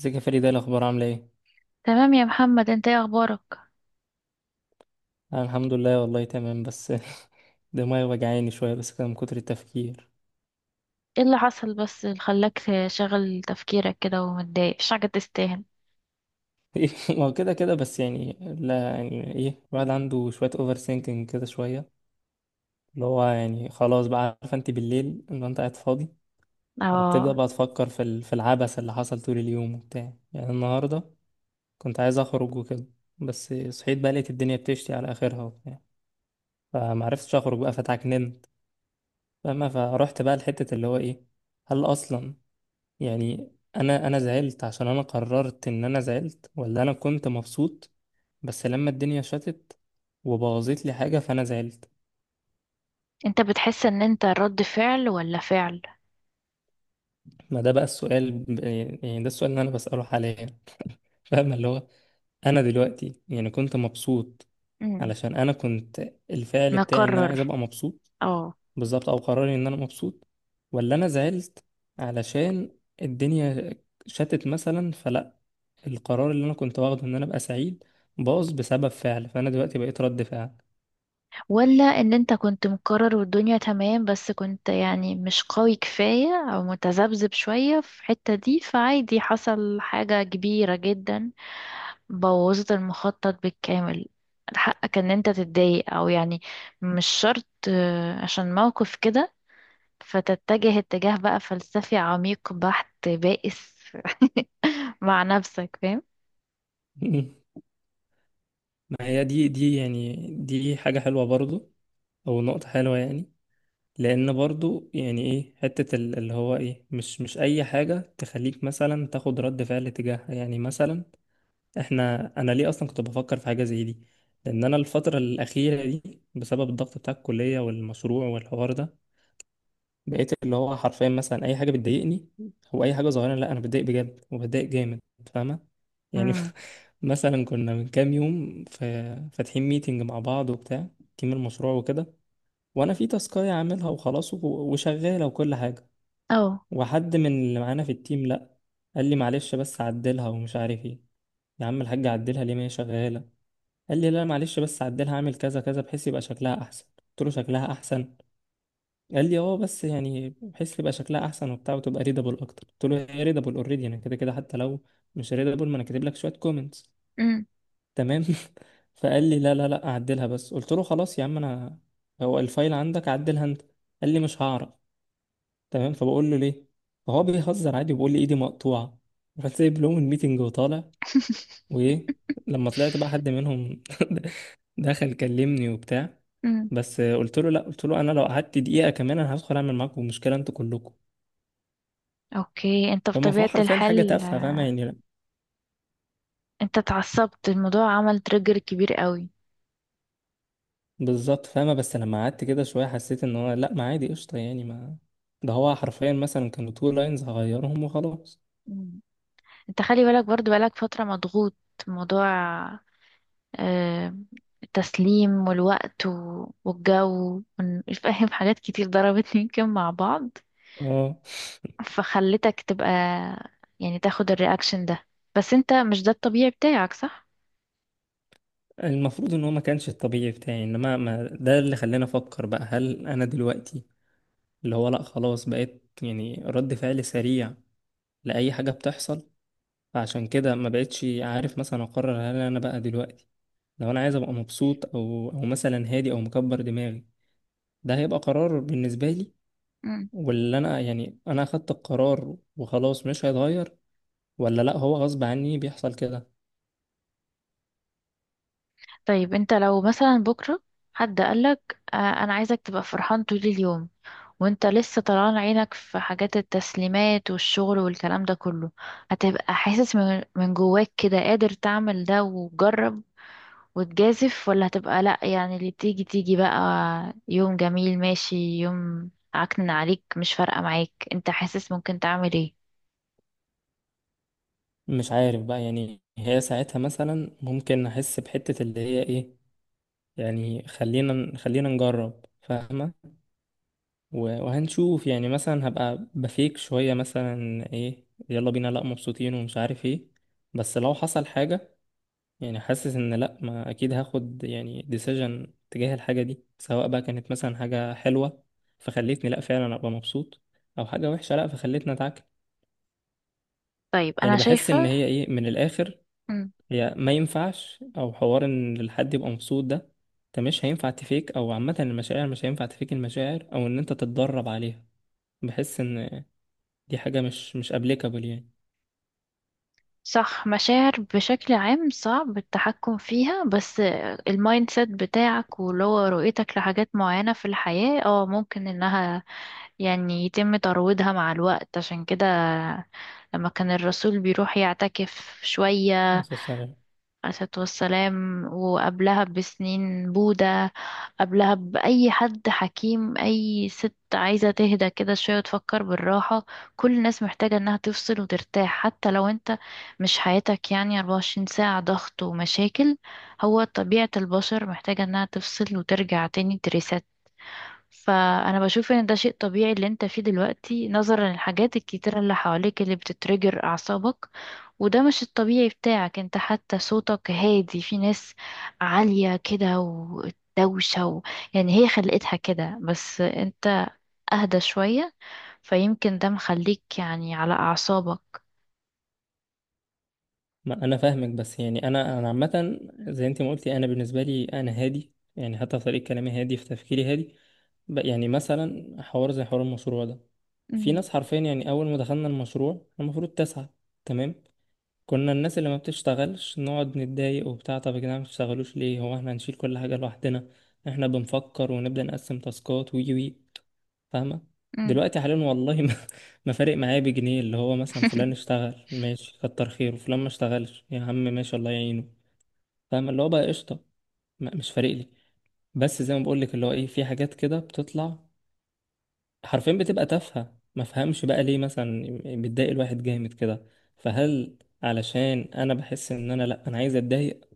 ازيك يا فريدة؟ ايه الاخبار؟ عامله ايه؟ تمام يا محمد، انت ايه اخبارك؟ انا الحمد لله والله تمام بس. دماغي وجعاني شويه بس كده من كتر التفكير. ايه اللي حصل بس اللي خلاك شغل تفكيرك كده ومتضايق؟ مش حاجة تستاهل. ما هو كده كده بس يعني لا يعني ايه، الواحد عنده شويه اوفر سينكينج كده شويه، اللي هو يعني خلاص بقى، عارفه انت بالليل لو انت قاعد فاضي بتبدا اه. بقى تفكر في العبث اللي حصل طول اليوم وبتاع. يعني النهارده كنت عايز اخرج وكده، بس صحيت بقى لقيت الدنيا بتشتي على اخرها وبتاع، فمعرفتش اخرج بقى فتعكننت. فاهمه؟ فروحت بقى لحته اللي هو ايه، هل اصلا يعني انا زعلت عشان انا قررت ان انا زعلت، ولا انا كنت مبسوط بس لما الدنيا شتت وبوظت لي حاجة فانا زعلت؟ انت بتحس ان انت رد فعل ولا فعل؟ ما ده بقى السؤال، يعني ده السؤال اللي انا بسأله حاليا. فاهم اللي هو انا دلوقتي يعني كنت مبسوط امم. علشان انا كنت الفعل بتاعي ان انا مقرر. عايز ابقى مبسوط، اه. بالظبط، او قراري ان انا مبسوط. ولا انا زعلت علشان الدنيا شتت مثلا؟ فلا، القرار اللي انا كنت واخده ان انا ابقى سعيد باظ بسبب فعل، فانا دلوقتي بقيت رد فعل. ولا ان انت كنت مقرر والدنيا تمام بس كنت يعني مش قوي كفاية او متذبذب شوية في الحتة دي، فعادي حصل حاجة كبيرة جدا بوظت المخطط بالكامل. حقك ان انت تتضايق او يعني مش شرط عشان موقف كده فتتجه اتجاه بقى فلسفي عميق بحت بائس مع نفسك، فاهم؟ ما هي دي يعني دي حاجة حلوة برضو، او نقطة حلوة يعني. لان برضو يعني ايه حتة اللي هو ايه، مش اي حاجة تخليك مثلا تاخد رد فعل تجاهها يعني. مثلا انا ليه اصلا كنت بفكر في حاجة زي دي؟ لان انا الفترة الاخيرة دي بسبب الضغط بتاع الكلية والمشروع والحوار ده بقيت اللي هو حرفيا مثلا اي حاجه بتضايقني او اي حاجه صغيره، لا انا بتضايق بجد وبتضايق جامد. فاهمه؟ يعني مم. مثلا كنا من كام يوم في، فاتحين ميتنج مع بعض وبتاع، تيم المشروع وكده، وانا في تاسكايه عاملها وخلاص وشغاله وكل حاجه، او. وحد من اللي معانا في التيم، لا، قال لي معلش بس عدلها ومش عارف ايه. يا عم الحاج عدلها ليه، ما هي شغاله؟ قال لي لا معلش بس عدلها، اعمل كذا كذا بحيث يبقى شكلها احسن. قلت له شكلها احسن؟ قال لي اه بس يعني بحيث يبقى شكلها احسن وبتاع وتبقى ريدابل اكتر. قلت له هي ريدابل اوريدي، يعني كده كده حتى لو مش ريدابل ما انا كاتب لك شويه كومنتس، مم. تمام. فقال لي لا لا لا، اعدلها بس. قلت له خلاص يا عم، انا هو الفايل عندك، عدلها انت. قال لي مش هعرف. تمام، فبقول له ليه؟ فهو بيهزر عادي وبيقول لي ايدي مقطوعه. رحت سايب لهم الميتنج وطالع. وايه، لما طلعت بقى حد منهم دخل كلمني وبتاع، مم. بس قلت له لا، قلت له انا لو قعدت دقيقه كمان انا هدخل اعمل معاكم مشكله انتوا كلكم. اوكي. انت لما فهو بطبيعة حرفيا حاجة الحال تافهة، فاهمة يعني؟ لا انت اتعصبت، الموضوع عمل تريجر كبير قوي. بالظبط فاهمة، بس لما قعدت كده شوية حسيت ان هو لا، ما عادي قشطة يعني، ما ده هو حرفيا مثلا كانوا تو لاينز هغيرهم وخلاص. مم. انت خلي بالك، برضو بقالك فترة مضغوط، موضوع آه، التسليم والوقت و- والجو وإن- فاهم، حاجات كتير ضربت يمكن مع بعض اه، فخلتك تبقى يعني تاخد الرياكشن ده. بس انت مش ده الطبيعي بتاعك صح؟ المفروض ان هو ما كانش الطبيعي بتاعي، انما ما ده اللي خلاني افكر بقى هل انا دلوقتي اللي هو لا خلاص بقيت يعني رد فعل سريع لاي حاجه بتحصل؟ فعشان كده ما بقتش عارف مثلا اقرر، هل انا بقى دلوقتي لو انا عايز ابقى مبسوط او مثلا هادي او مكبر دماغي ده هيبقى قرار بالنسبه لي، مم. واللي انا يعني انا اخدت القرار وخلاص مش هيتغير؟ ولا لا، هو غصب عني بيحصل كده؟ طيب انت لو مثلا بكرة حد قالك انا عايزك تبقى فرحان طول اليوم وانت لسه طلعان عينك في حاجات التسليمات والشغل والكلام ده كله، هتبقى حاسس من جواك كده قادر تعمل ده وجرب وتجازف، ولا هتبقى لأ يعني اللي تيجي تيجي بقى؟ يوم جميل ماشي، يوم عكنن عليك مش فارقة معاك، انت حاسس ممكن تعمل ايه؟ مش عارف بقى. يعني هي ساعتها مثلا ممكن احس بحتة اللي هي ايه، يعني خلينا خلينا نجرب، فاهمة؟ وهنشوف يعني مثلا هبقى بفيك شوية مثلا ايه، يلا بينا لا مبسوطين ومش عارف ايه. بس لو حصل حاجة يعني حاسس ان لا، ما اكيد هاخد يعني ديسيجن تجاه الحاجه دي، سواء بقى كانت مثلا حاجه حلوه فخلتني لا فعلا ابقى مبسوط، او حاجه وحشه لا فخلتني اتعكر. طيب انا يعني بحس ان شايفة. هي ايه من الاخر، مم. هي ما ينفعش او حوار ان الحد يبقى مبسوط ده، انت مش هينفع تفيك، او عامه المشاعر مش هينفع تفيك المشاعر او ان انت تتدرب عليها. بحس ان دي حاجه مش ابليكابل. صح، مشاعر بشكل عام صعب التحكم فيها، بس المايند سيت بتاعك واللي هو رؤيتك لحاجات معينة في الحياة اه ممكن انها يعني يتم ترويضها مع الوقت. عشان كده لما كان الرسول بيروح يعتكف شوية يعني الصلاة والسلام، وقبلها بسنين بوذا، قبلها بأي حد حكيم، أي ست عايزة تهدى كده شوية وتفكر بالراحة. كل الناس محتاجة إنها تفصل وترتاح، حتى لو أنت مش حياتك يعني 24 ساعة ضغط ومشاكل، هو طبيعة البشر محتاجة إنها تفصل وترجع تاني تريسات. فأنا بشوف إن ده شيء طبيعي اللي أنت فيه دلوقتي نظرا للحاجات الكتيرة اللي حواليك اللي بتترجر أعصابك، وده مش الطبيعي بتاعك انت، حتى صوتك هادي. في ناس عالية كده ودوشة يعني هي خلقتها كده، بس انت اهدى شوية. فيمكن ده مخليك يعني على اعصابك. ما انا فاهمك، بس يعني انا عامه زي انت ما قلتي، انا بالنسبه لي انا هادي، يعني حتى في طريقه كلامي هادي، في تفكيري هادي. يعني مثلا حوار زي حوار المشروع ده، في مم. ناس حرفيا، يعني اول ما دخلنا المشروع المفروض تسعة، تمام، كنا الناس اللي ما بتشتغلش نقعد نتضايق وبتاع، طب يا جدعان ما بتشتغلوش ليه؟ هو احنا هنشيل كل حاجه لوحدنا؟ احنا بنفكر ونبدا نقسم تاسكات، وي، فاهمة؟ مم. دلوقتي حاليا، والله ما, ما فارق معايا بجنيه اللي هو، مثلا فلان اشتغل ماشي كتر خيره، فلان ما اشتغلش يا عم ماشي الله يعينه. فاهمة اللي هو بقى قشطة. مش فارق لي. بس زي ما بقول لك اللي هو ايه، في حاجات كده بتطلع حرفيا بتبقى تافهة، ما فهمش بقى ليه مثلا بتضايق الواحد جامد كده. فهل علشان انا بحس ان انا لا، انا عايز اتضايق؟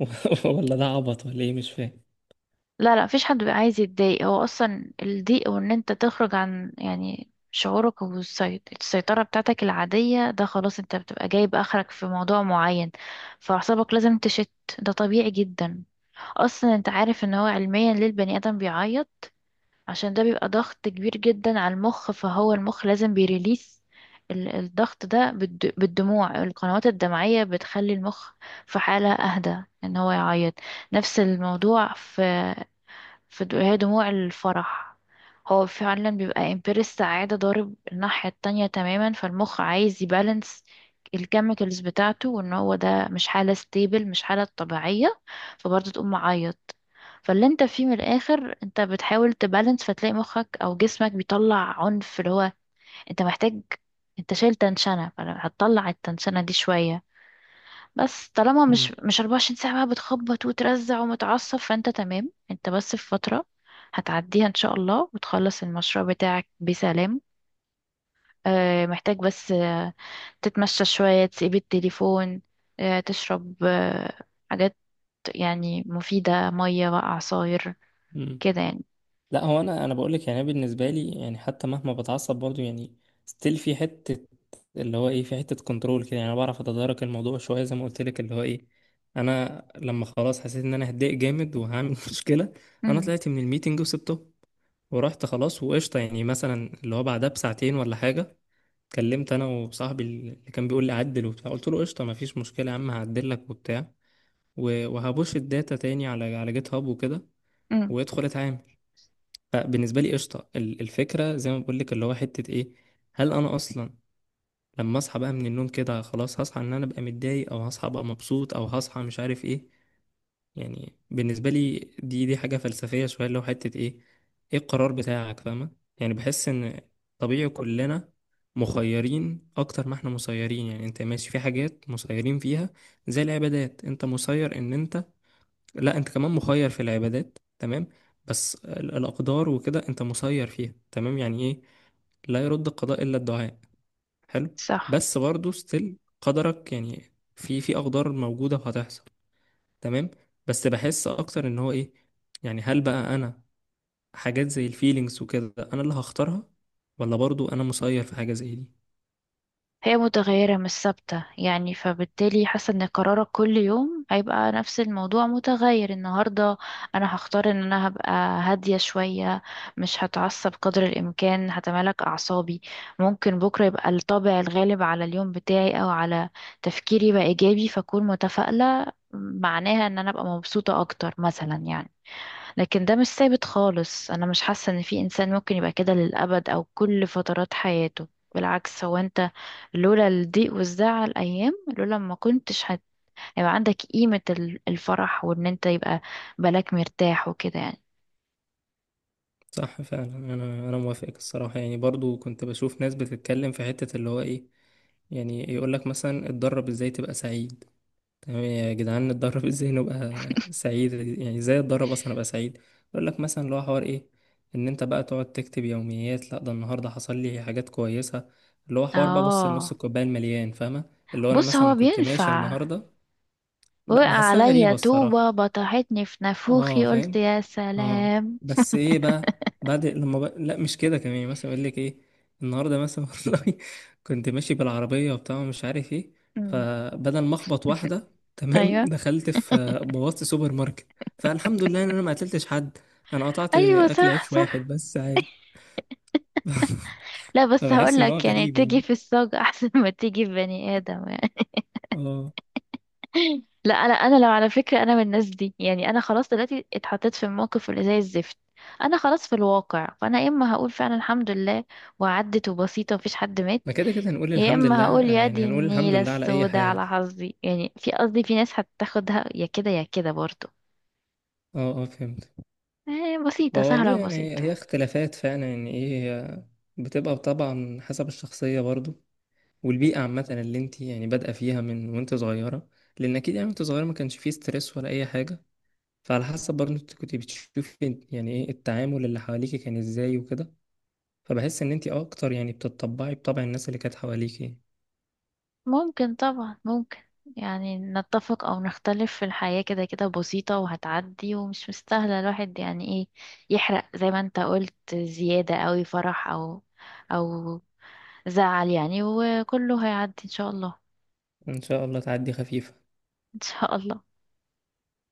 ولا ده عبط، ولا ايه مش فاهم. لا لا، مفيش حد بيبقى عايز يتضايق. هو اصلا الضيق وان انت تخرج عن يعني شعورك والسيطرة بتاعتك العادية ده خلاص انت بتبقى جايب اخرك في موضوع معين، فاعصابك لازم تشت. ده طبيعي جدا. اصلا انت عارف ان هو علميا ليه البني ادم بيعيط؟ عشان ده بيبقى ضغط كبير جدا على المخ، فهو المخ لازم بيريليس ال- الضغط ده بالد- بالدموع. القنوات الدمعية بتخلي المخ في حالة اهدى ان هو يعيط. نفس الموضوع في فد- هي دموع الفرح، هو فعلا بيبقى امبير السعادة ضارب الناحية التانية تماما، فالمخ عايز يبالانس الكيميكالز بتاعته وان هو ده مش حالة ستيبل، مش حالة طبيعية، فبرضه تقوم معيط. فاللي انت فيه من الاخر انت بتحاول تبالانس، فتلاقي مخك او جسمك بيطلع عنف. اللي هو انت محتاج، انت شايل تنشنة فهتطلع التنشنة دي شوية. بس طالما مش مم. مش 24 ساعة بقى بتخبط وترزع ومتعصب، فانت تمام، انت بس في فترة هتعديها ان شاء الله وتخلص المشروع بتاعك بسلام. محتاج بس تتمشى شوية، تسيب التليفون، تشرب حاجات يعني مفيدة، مية بقى، عصاير مم. كده يعني. لا هو انا بقول لك يعني، أنا بالنسبه لي يعني حتى مهما بتعصب برضو، يعني ستيل في حته اللي هو ايه، في حته كنترول كده. يعني انا بعرف اتدارك الموضوع شويه زي ما قلت لك، اللي هو ايه، انا لما خلاص حسيت ان انا هتضايق جامد وهعمل مشكله انا امم. طلعت من الميتنج وسبته ورحت، خلاص وقشطه. يعني مثلا اللي هو بعدها بساعتين ولا حاجه كلمت انا وصاحبي اللي كان بيقول لي عدل وبتاع، قلت له قشطه مفيش مشكله يا عم هعدل لك وبتاع، وهبوش الداتا تاني على جيت هاب وكده، امم. وادخل اتعامل. فبالنسبه لي قشطه، الفكره زي ما بقول لك اللي هو حته ايه، هل انا اصلا لما اصحى بقى من النوم كده خلاص هصحى ان انا ابقى متضايق، او هصحى ابقى مبسوط، او هصحى مش عارف ايه؟ يعني بالنسبه لي، دي حاجه فلسفيه شويه، اللي هو حته ايه، ايه القرار بتاعك؟ فاهمه؟ يعني بحس ان، طبيعي كلنا مخيرين اكتر ما احنا مسيرين. يعني انت ماشي في حاجات مسيرين فيها زي العبادات، انت مسير ان انت، لا انت كمان مخير في العبادات، تمام. بس الاقدار وكده انت مسير فيها، تمام، يعني ايه، لا يرد القضاء الا الدعاء، حلو. صح. بس برضه ستيل قدرك، يعني في في اقدار موجوده وهتحصل، تمام. بس بحس اكتر ان هو ايه، يعني هل بقى انا، حاجات زي الفيلينجز وكده انا اللي هختارها، ولا برضه انا مسير في حاجه زي دي؟ هي متغيرة مش ثابتة، يعني فبالتالي حاسة ان قرارك كل يوم هيبقى نفس الموضوع متغير. النهاردة انا هختار ان انا هبقى هادية شوية، مش هتعصب قدر الامكان، هتمالك اعصابي. ممكن بكرة يبقى الطابع الغالب على اليوم بتاعي او على تفكيري بقى ايجابي فاكون متفائلة، معناها ان انا ابقى مبسوطة اكتر مثلا يعني. لكن ده مش ثابت خالص، انا مش حاسة ان في انسان ممكن يبقى كده للابد او كل فترات حياته. بالعكس، هو انت لولا الضيق والزعل ايام، لولا ما كنتش هت- هيبقى عندك قيمة ال- الفرح وان انت يبقى بالك مرتاح وكده يعني. صح فعلا، انا موافقك الصراحه. يعني برضه كنت بشوف ناس بتتكلم في حته اللي هو ايه، يعني يقول لك مثلا اتدرب ازاي تبقى سعيد. تمام يا جدعان نتدرب، ازاي نبقى سعيد يعني؟ ازاي اتدرب اصلا ابقى سعيد؟ يقول لك مثلا اللي هو حوار ايه، ان انت بقى تقعد تكتب يوميات لا ده النهارده حصل لي حاجات كويسه، اللي هو حوار بقى، بص النص اه. الكوبايه المليان، فاهمه؟ اللي هو انا بص هو مثلا كنت ماشي بينفع. النهارده، وقع بحسها عليا غريبه طوبة الصراحه. بطحتني في نافوخي، اه قلت فاهم. يا اه. سلام. بس ايه بقى بعد لما بقى، لا مش كده كمان. يعني مثلا يقول لك ايه، النهارده مثلا والله كنت ماشي بالعربيه وبتاع ومش عارف ايه، مم. فبدل ما اخبط واحده، تمام ايوه. دخلت في بوظت سوبر ماركت، فالحمد لله ان انا ما قتلتش حد، انا قطعت ايوه اكل صح، عيش واحد صح. بس عادي. لا بس هقول فبحس ان هو لك يعني غريب تيجي يعني. في الصاج احسن ما تيجي في بني ادم يعني. اه، لا انا لو على فكره، انا من الناس دي، يعني انا خلاص دلوقتي اتحطيت في الموقف اللي زي الزفت، انا خلاص في الواقع. فانا يا اما هقول فعلا الحمد لله وعدت وبسيطه ومفيش حد مات، ما كده كده هنقول يا الحمد اما لله، هقول يا دي يعني هنقول الحمد النيله لله على اي السوداء حال. على حظي. يعني في قصدي في ناس هتاخدها يا كده يا كده برضه. اه، اه، فهمت. بسيطه، هو والله سهله يعني وبسيطه. هي اختلافات فعلا، يعني ايه، بتبقى طبعا حسب الشخصية برضو والبيئة عامة اللي انت يعني بادئة فيها من وانت صغيرة. لأن أكيد يعني وانت صغيرة ما كانش فيه ستريس ولا أي حاجة. فعلى حسب برضو انت كنت بتشوفي يعني ايه التعامل اللي حواليكي كان ازاي وكده. فبحس ان انت أكتر يعني بتطبعي بطبع الناس اللي كانت حواليكي. ممكن طبعا ممكن، يعني نتفق او نختلف في الحياة كده كده بسيطة وهتعدي ومش مستاهلة الواحد يعني ايه يحرق، زي ما انت قلت زيادة اوي فرح او او زعل يعني. وكله هيعدي ان شاء الله. إن شاء الله تعدي خفيف. ان شاء الله.